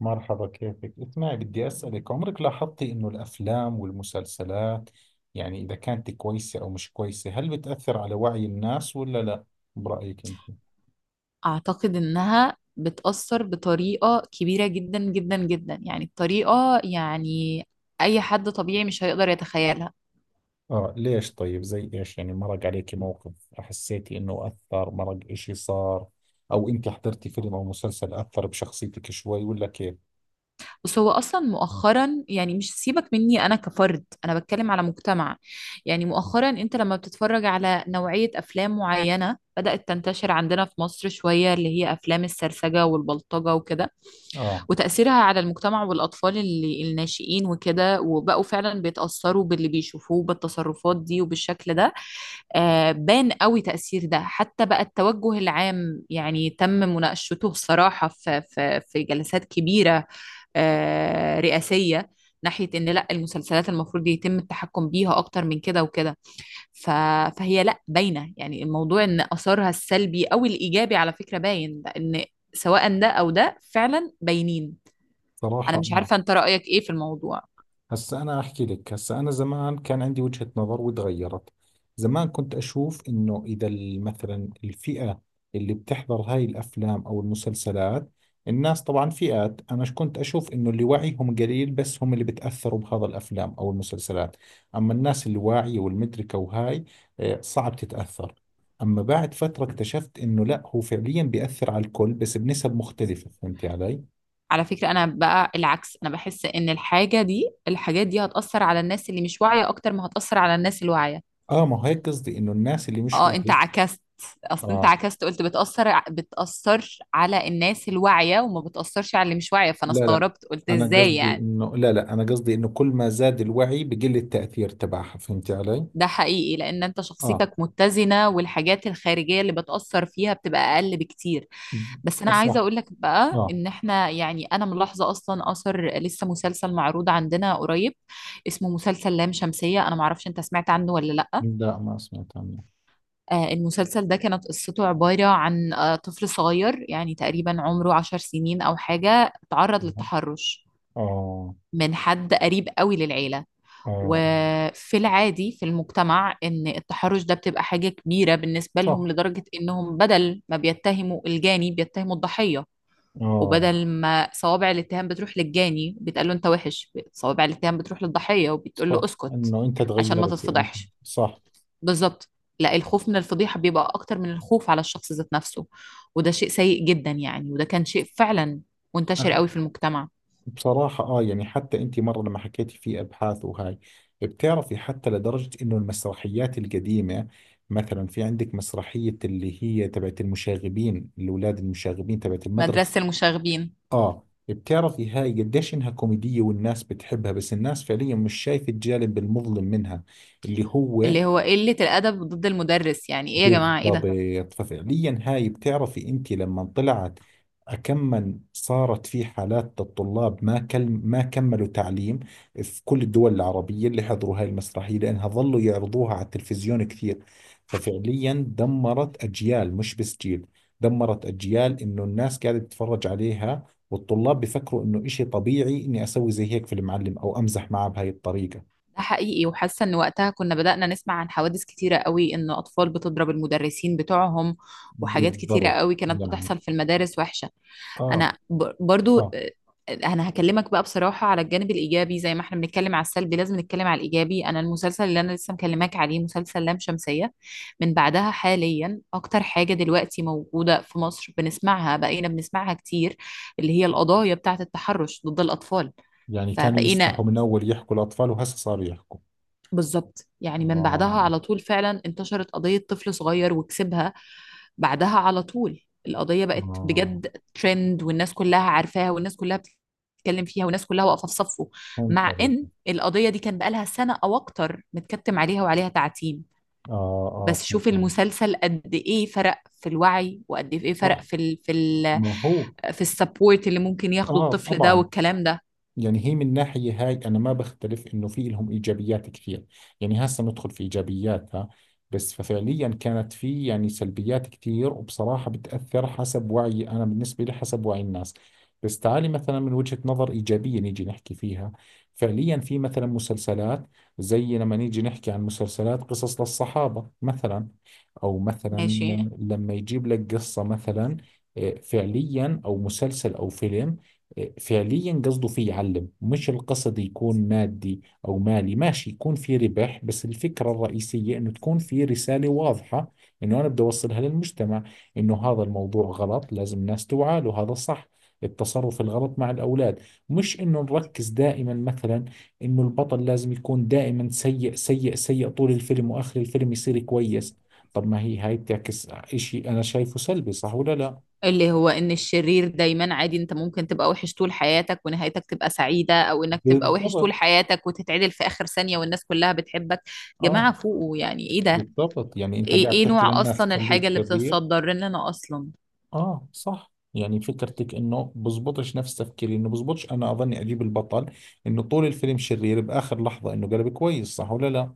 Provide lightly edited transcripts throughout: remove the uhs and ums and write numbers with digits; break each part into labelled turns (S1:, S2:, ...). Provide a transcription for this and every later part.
S1: مرحبا، كيفك؟ اسمعي، بدي أسألك عمرك لاحظتي إنه الأفلام والمسلسلات يعني إذا كانت كويسة أو مش كويسة هل بتأثر على وعي الناس ولا لا؟ برأيك أنت؟
S2: أعتقد إنها بتأثر بطريقة كبيرة جدا جدا جدا، يعني الطريقة، يعني أي حد طبيعي مش هيقدر يتخيلها.
S1: آه، ليش؟ طيب زي إيش؟ يعني مرق عليك موقف حسيتي إنه أثر؟ مرق إشي صار؟ أو أنت حضرتي فيلم أو مسلسل أثر بشخصيتك شوي ولا كيف؟
S2: بس هو أصلا مؤخرا، يعني مش سيبك مني أنا كفرد، أنا بتكلم على مجتمع. يعني مؤخرا أنت لما بتتفرج على نوعية أفلام معينة بدأت تنتشر عندنا في مصر شوية، اللي هي أفلام السرسجة والبلطجة وكده،
S1: آه،
S2: وتأثيرها على المجتمع والأطفال اللي الناشئين وكده، وبقوا فعلا بيتأثروا باللي بيشوفوه بالتصرفات دي وبالشكل ده. آه، بان قوي تأثير ده، حتى بقى التوجه العام يعني تم مناقشته بصراحة في جلسات كبيرة، رئاسية، ناحية إن لا المسلسلات المفروض يتم التحكم بيها أكتر من كده وكده. ف... فهي لا باينة، يعني الموضوع إن آثارها السلبي أو الإيجابي على فكرة باين إن سواء ده أو ده فعلا باينين. انا
S1: صراحة
S2: مش
S1: آه.
S2: عارفه انت رايك ايه في الموضوع؟
S1: هسا أنا أحكي لك. هسا أنا زمان كان عندي وجهة نظر وتغيرت. زمان كنت أشوف إنه إذا مثلا الفئة اللي بتحضر هاي الأفلام أو المسلسلات، الناس طبعا فئات، أنا كنت أشوف إنه اللي وعيهم قليل بس هم اللي بتأثروا بهذا الأفلام أو المسلسلات، أما الناس اللي واعية والمدركة وهاي صعب تتأثر. أما بعد فترة اكتشفت إنه لا، هو فعليا بيأثر على الكل بس بنسب مختلفة. فهمتي علي؟
S2: على فكره، انا بقى العكس، انا بحس ان الحاجه دي، الحاجات دي هتاثر على الناس اللي مش واعيه اكتر ما هتاثر على الناس الواعيه.
S1: آه، ما هيك قصدي، إنه الناس اللي مش
S2: اه انت
S1: واعية.
S2: عكست. اصل انت
S1: آه،
S2: عكست، قلت بتاثر بتاثر على الناس الواعيه وما بتاثرش على اللي مش واعيه، فانا
S1: لا لا،
S2: استغربت، قلت
S1: أنا
S2: ازاي
S1: قصدي
S2: يعني.
S1: إنه، لا لا، أنا قصدي إنه كل ما زاد الوعي بقل التأثير تبعها. فهمتي علي؟
S2: ده حقيقي لان انت
S1: آه،
S2: شخصيتك متزنة، والحاجات الخارجية اللي بتأثر فيها بتبقى اقل بكتير. بس انا عايزة
S1: صح.
S2: اقول لك بقى
S1: آه،
S2: ان احنا، يعني انا ملاحظة اصلا اثر، لسه مسلسل معروض عندنا قريب اسمه مسلسل لام شمسية، انا معرفش انت سمعت عنه ولا لا.
S1: لا، ما سمعت عنه.
S2: آه، المسلسل ده كانت قصته عبارة عن طفل صغير يعني تقريبا عمره 10 سنين او حاجة، تعرض للتحرش
S1: آه.
S2: من حد قريب قوي للعيلة.
S1: آه،
S2: وفي العادي في المجتمع ان التحرش ده بتبقى حاجة كبيرة بالنسبة لهم،
S1: صح.
S2: لدرجة انهم بدل ما بيتهموا الجاني بيتهموا الضحية،
S1: آه،
S2: وبدل ما صوابع الاتهام بتروح للجاني بتقول له انت وحش، صوابع الاتهام بتروح للضحية وبتقول له
S1: صح
S2: اسكت
S1: إنه أنت
S2: عشان ما
S1: تغيرت وأنت.
S2: تتفضحش.
S1: صح.
S2: بالظبط. لا الخوف من الفضيحة بيبقى اكتر من الخوف على الشخص ذات نفسه، وده شيء سيء جدا يعني، وده كان شيء فعلا منتشر
S1: آه.
S2: قوي في المجتمع.
S1: بصراحة يعني حتى أنت مرة لما حكيتي في أبحاث وهاي، بتعرفي حتى لدرجة إنه المسرحيات القديمة، مثلا في عندك مسرحية اللي هي تبعت المشاغبين، الأولاد المشاغبين تبعت المدرسة.
S2: مدرسة المشاغبين،
S1: اه، بتعرفي هاي قديش انها كوميدية والناس بتحبها، بس الناس فعليا مش شايفة الجانب المظلم منها، اللي هو...
S2: اللي هو قلة الأدب ضد المدرس، يعني ايه يا جماعة، ايه
S1: بالضبط.
S2: ده؟
S1: ففعليا هاي بتعرفي، انت لما طلعت كم صارت في حالات الطلاب، ما كل ما كملوا تعليم في كل الدول العربية اللي حضروا هاي المسرحية لأنها ظلوا يعرضوها على التلفزيون كثير. ففعليا دمرت أجيال، مش بس جيل، دمرت أجيال، إنه الناس قاعدة تتفرج عليها والطلاب بفكروا إنه إشي طبيعي إني أسوي زي هيك في المعلم أو أمزح معه بهاي الطريقة.
S2: ده حقيقي، وحاسه ان وقتها كنا بدأنا نسمع عن حوادث كتيره قوي ان اطفال بتضرب المدرسين بتوعهم، وحاجات كتيره
S1: بالضبط،
S2: قوي كانت
S1: يعني.
S2: بتحصل في المدارس وحشه.
S1: آه،
S2: انا برضو
S1: آه،
S2: انا هكلمك بقى بصراحه على الجانب الايجابي. زي ما احنا بنتكلم على السلبي لازم نتكلم على الايجابي. انا المسلسل اللي انا لسه مكلماك عليه مسلسل لام شمسيه، من بعدها حاليا اكتر حاجه دلوقتي موجوده في مصر بقينا بنسمعها كتير، اللي هي القضايا بتاعه التحرش ضد الاطفال.
S1: يعني كانوا
S2: فبقينا
S1: يسمحوا من أول يحكوا الأطفال وهسه صاروا يحكوا.
S2: بالظبط، يعني من بعدها
S1: آه.
S2: على طول فعلا انتشرت قضية طفل صغير وكسبها. بعدها على طول القضية بقت
S1: آه،
S2: بجد ترند، والناس كلها عارفاها، والناس كلها بتتكلم فيها، والناس كلها واقفة في صفه،
S1: فهمت
S2: مع
S1: عليك.
S2: ان القضية دي كان بقالها سنة او اكتر متكتم عليها وعليها تعتيم.
S1: آه. آه،
S2: بس
S1: فهمت
S2: شوف
S1: عليك.
S2: المسلسل قد ايه فرق في الوعي، وقد ايه فرق
S1: صح.
S2: في ال في ال
S1: ما هو...
S2: في السبورت اللي ممكن ياخده
S1: آه،
S2: الطفل ده
S1: طبعا.
S2: والكلام ده.
S1: يعني هي من ناحية هاي أنا ما بختلف إنه في لهم إيجابيات كثير، يعني هسه ندخل في إيجابياتها، بس ففعليا كانت في يعني سلبيات كثير، وبصراحة بتأثر حسب وعي، أنا بالنسبة لي حسب وعي الناس. بس تعالي مثلا من وجهة نظر إيجابية نيجي نحكي فيها، فعليا في مثلا مسلسلات زي لما نيجي نحكي عن مسلسلات قصص للصحابة مثلا، أو مثلا
S2: ماشي.
S1: لما يجيب لك قصة مثلا، فعليا أو مسلسل أو فيلم فعليا قصده فيه يعلم، مش القصد يكون مادي أو مالي، ماشي يكون في ربح بس الفكرة الرئيسية إنه تكون في رسالة واضحة إنه أنا بدي أوصلها للمجتمع، إنه هذا الموضوع غلط، لازم الناس توعى له، هذا صح التصرف الغلط مع الأولاد. مش إنه نركز دائما مثلا إنه البطل لازم يكون دائما سيء سيء سيء طول الفيلم وآخر الفيلم يصير كويس. طب ما هي هاي بتعكس إشي أنا شايفه سلبي، صح ولا لا؟
S2: اللي هو ان الشرير دايما عادي، انت ممكن تبقى وحش طول حياتك ونهايتك تبقى سعيدة، او انك تبقى وحش طول
S1: بالضبط.
S2: حياتك وتتعدل في اخر ثانية والناس كلها بتحبك.
S1: اه،
S2: جماعة فوقوا، يعني ايه ده؟
S1: بالضبط، يعني انت
S2: ايه
S1: قاعد
S2: ايه
S1: تحكي
S2: نوع
S1: للناس
S2: اصلا الحاجة
S1: خليك
S2: اللي
S1: شرير.
S2: بتتصدر لنا اصلا.
S1: اه، صح. يعني فكرتك انه بزبطش، نفس تفكيري انه بزبطش، انا اظني اجيب البطل انه طول الفيلم شرير، باخر لحظة انه قلب كويس، صح ولا لا؟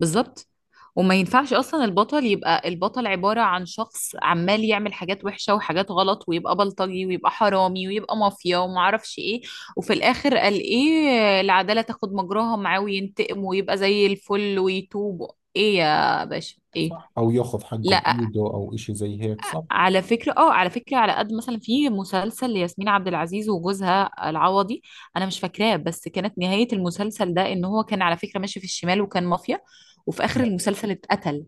S2: بالظبط، وما ينفعش اصلا البطل يبقى، البطل عبارة عن شخص عمال يعمل حاجات وحشة وحاجات غلط، ويبقى بلطجي ويبقى حرامي ويبقى مافيا وما اعرفش ايه. وفي الاخر قال ايه، العدالة تاخد مجراها معاه وينتقم ويبقى زي الفل ويتوب، ايه يا باشا ايه؟
S1: صح، او ياخذ حقه
S2: لا،
S1: بايده او اشي زي هيك. صح.
S2: على فكرة على قد، مثلا في مسلسل لياسمين عبد العزيز وجوزها العوضي انا مش فاكراه، بس كانت نهاية المسلسل ده ان هو كان على فكرة ماشي في الشمال وكان مافيا، وفي اخر
S1: اه،
S2: المسلسل اتقتل.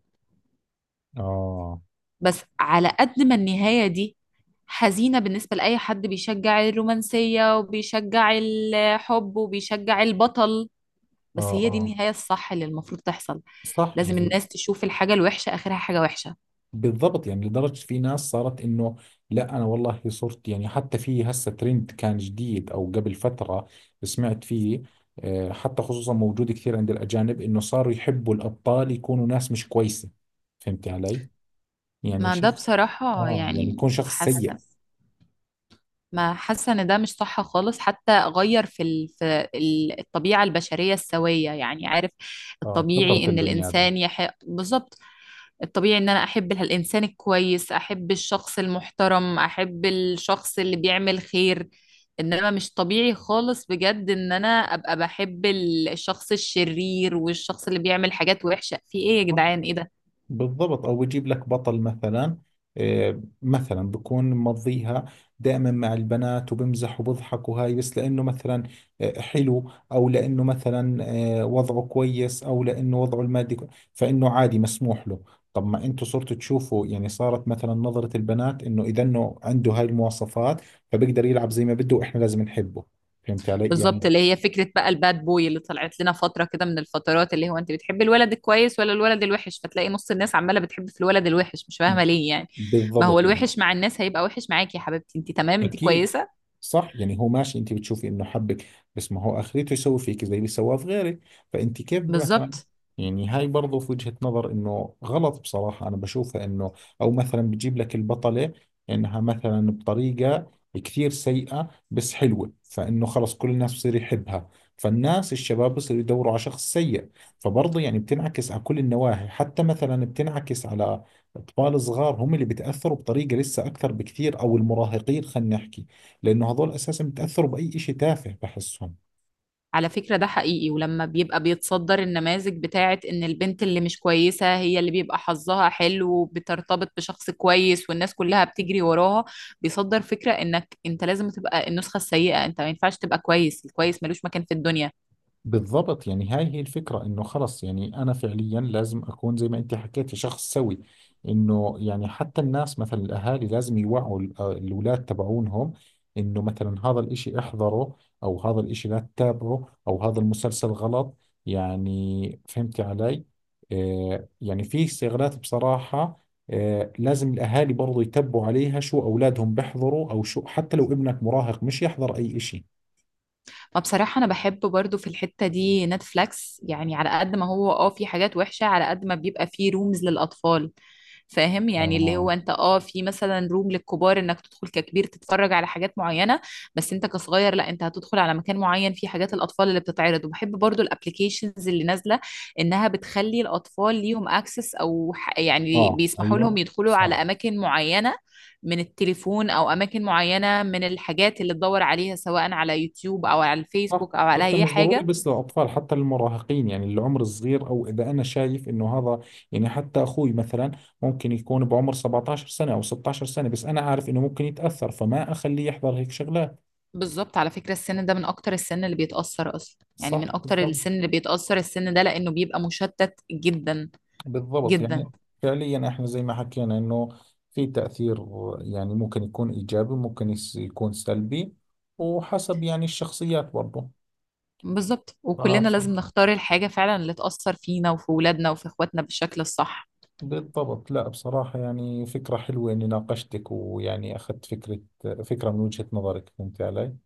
S1: اه،
S2: بس على قد ما النهاية دي حزينة بالنسبة لأي حد بيشجع الرومانسية وبيشجع الحب وبيشجع البطل، بس هي دي
S1: اه،
S2: النهاية الصح اللي المفروض تحصل.
S1: صح،
S2: لازم
S1: يعني.
S2: الناس تشوف الحاجة الوحشة آخرها حاجة وحشة.
S1: بالضبط، يعني لدرجة في ناس صارت إنه، لا أنا والله صرت يعني، حتى في هسه ترند كان جديد أو قبل فترة سمعت فيه، حتى خصوصا موجود كثير عند الأجانب إنه صاروا يحبوا الأبطال يكونوا ناس مش كويسة. فهمت علي؟ يعني
S2: ما ده
S1: شوف،
S2: بصراحة
S1: يعني
S2: يعني،
S1: يكون شخص سيء.
S2: حاسة ما حاسة إن ده مش صح خالص، حتى غير في الطبيعة البشرية السوية، يعني عارف،
S1: اه، فطرة
S2: الطبيعي إن
S1: البني آدم.
S2: الإنسان يحق بالظبط. الطبيعي ان انا احب الانسان الكويس، احب الشخص المحترم، احب الشخص اللي بيعمل خير. انما مش طبيعي خالص بجد ان انا ابقى بحب الشخص الشرير والشخص اللي بيعمل حاجات وحشة، في ايه يا جدعان ايه ده؟
S1: بالضبط، او بجيب لك بطل مثلا، مثلا بكون مضيها دائما مع البنات وبمزح وبضحك وهاي، بس لانه مثلا حلو، او لانه مثلا وضعه كويس، او لانه وضعه المادي فانه عادي مسموح له. طب ما انتوا صرتوا تشوفوا يعني صارت مثلا نظرة البنات انه اذا انه عنده هاي المواصفات فبيقدر يلعب زي ما بده واحنا لازم نحبه. فهمت علي، يعني؟
S2: بالظبط، اللي هي فكرة بقى الباد بوي اللي طلعت لنا فترة كده من الفترات، اللي هو انت بتحب الولد الكويس ولا الولد الوحش، فتلاقي نص الناس عمالة بتحب في الولد الوحش، مش فاهمة ليه يعني. ما هو
S1: بالضبط، يعني.
S2: الوحش مع الناس هيبقى وحش معاكي، يا حبيبتي انت تمام، انت
S1: اكيد.
S2: كويسة.
S1: صح، يعني هو ماشي، انت بتشوفي انه حبك بس ما هو اخرته يسوي فيك زي اللي سواه في غيرك. فانت كيف مثلا؟
S2: بالظبط،
S1: يعني هاي برضو في وجهة نظر انه غلط، بصراحة انا بشوفها انه او مثلا بتجيب لك البطلة انها مثلا بطريقة كثير سيئة بس حلوة، فانه خلص كل الناس بصير يحبها، فالناس الشباب بصيروا يدوروا على شخص سيء، فبرضه يعني بتنعكس على كل النواحي، حتى مثلا بتنعكس على أطفال صغار هم اللي بتأثروا بطريقة لسه أكثر بكثير، أو المراهقين خلينا نحكي، لأنه هذول أساسا بتأثروا بأي إشي تافه بحسهم.
S2: على فكرة ده حقيقي، ولما بيبقى بيتصدر النماذج بتاعت ان البنت اللي مش كويسة هي اللي بيبقى حظها حلو وبترتبط بشخص كويس والناس كلها بتجري وراها، بيصدر فكرة انك انت لازم تبقى النسخة السيئة، انت ما ينفعش تبقى كويس، الكويس ملوش مكان في الدنيا.
S1: بالضبط، يعني هاي هي الفكرة، انه خلص يعني انا فعليا لازم اكون زي ما انت حكيتي شخص سوي، انه يعني حتى الناس مثلا الاهالي لازم يوعوا الاولاد تبعونهم، انه مثلا هذا الاشي احذره، او هذا الاشي لا تتابعه، او هذا المسلسل غلط. يعني فهمتي علي؟ آه، يعني في استغلالات، بصراحة لازم الاهالي برضو يتبعوا عليها شو اولادهم بيحضروا او شو، حتى لو ابنك مراهق مش يحضر اي اشي.
S2: ما بصراحة أنا بحب برضو في الحتة دي نتفليكس، يعني على قد ما هو في حاجات وحشة، على قد ما بيبقى فيه رومز للأطفال. فاهم، يعني اللي هو
S1: اه،
S2: انت في مثلا روم للكبار انك تدخل ككبير تتفرج على حاجات معينة، بس انت كصغير لا، انت هتدخل على مكان معين فيه حاجات الأطفال اللي بتتعرض. وبحب برضو الابليكيشنز اللي نازلة، انها بتخلي الأطفال ليهم اكسس، او يعني
S1: اه،
S2: بيسمحوا
S1: ايوه.
S2: لهم يدخلوا على
S1: صح.
S2: أماكن معينة من التليفون، او اماكن معينه من الحاجات اللي تدور عليها سواء على يوتيوب او على
S1: صح،
S2: الفيسبوك او على
S1: حتى
S2: اي
S1: مش ضروري
S2: حاجه.
S1: بس للأطفال، حتى للمراهقين، يعني العمر الصغير، أو إذا أنا شايف إنه هذا، يعني حتى أخوي مثلا ممكن يكون بعمر 17 سنة أو 16 سنة، بس أنا عارف إنه ممكن يتأثر فما أخليه يحضر هيك شغلات.
S2: بالظبط، على فكره السن ده من اكتر السن اللي بيتاثر اصلا، يعني من
S1: صح،
S2: اكتر
S1: بالضبط.
S2: السن اللي بيتاثر السن ده، لانه بيبقى مشتت جدا
S1: بالضبط،
S2: جدا.
S1: يعني فعليا إحنا زي ما حكينا إنه في تأثير، يعني ممكن يكون إيجابي، ممكن يكون سلبي، وحسب يعني الشخصيات.
S2: بالظبط، وكلنا
S1: برضه.
S2: لازم نختار الحاجه فعلا اللي تاثر فينا وفي ولادنا وفي اخواتنا بالشكل الصح.
S1: بالضبط، لا بصراحة يعني فكرة حلوة إني ناقشتك ويعني أخذت فكرة من وجهة نظرك. فهمت علي؟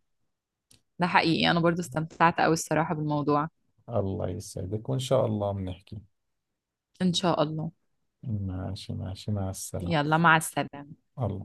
S2: ده حقيقي، انا برضو استمتعت قوي الصراحه بالموضوع.
S1: الله يسعدك، وإن شاء الله بنحكي.
S2: ان شاء الله.
S1: ماشي، ماشي، مع السلامة.
S2: يلا مع السلامه.
S1: الله.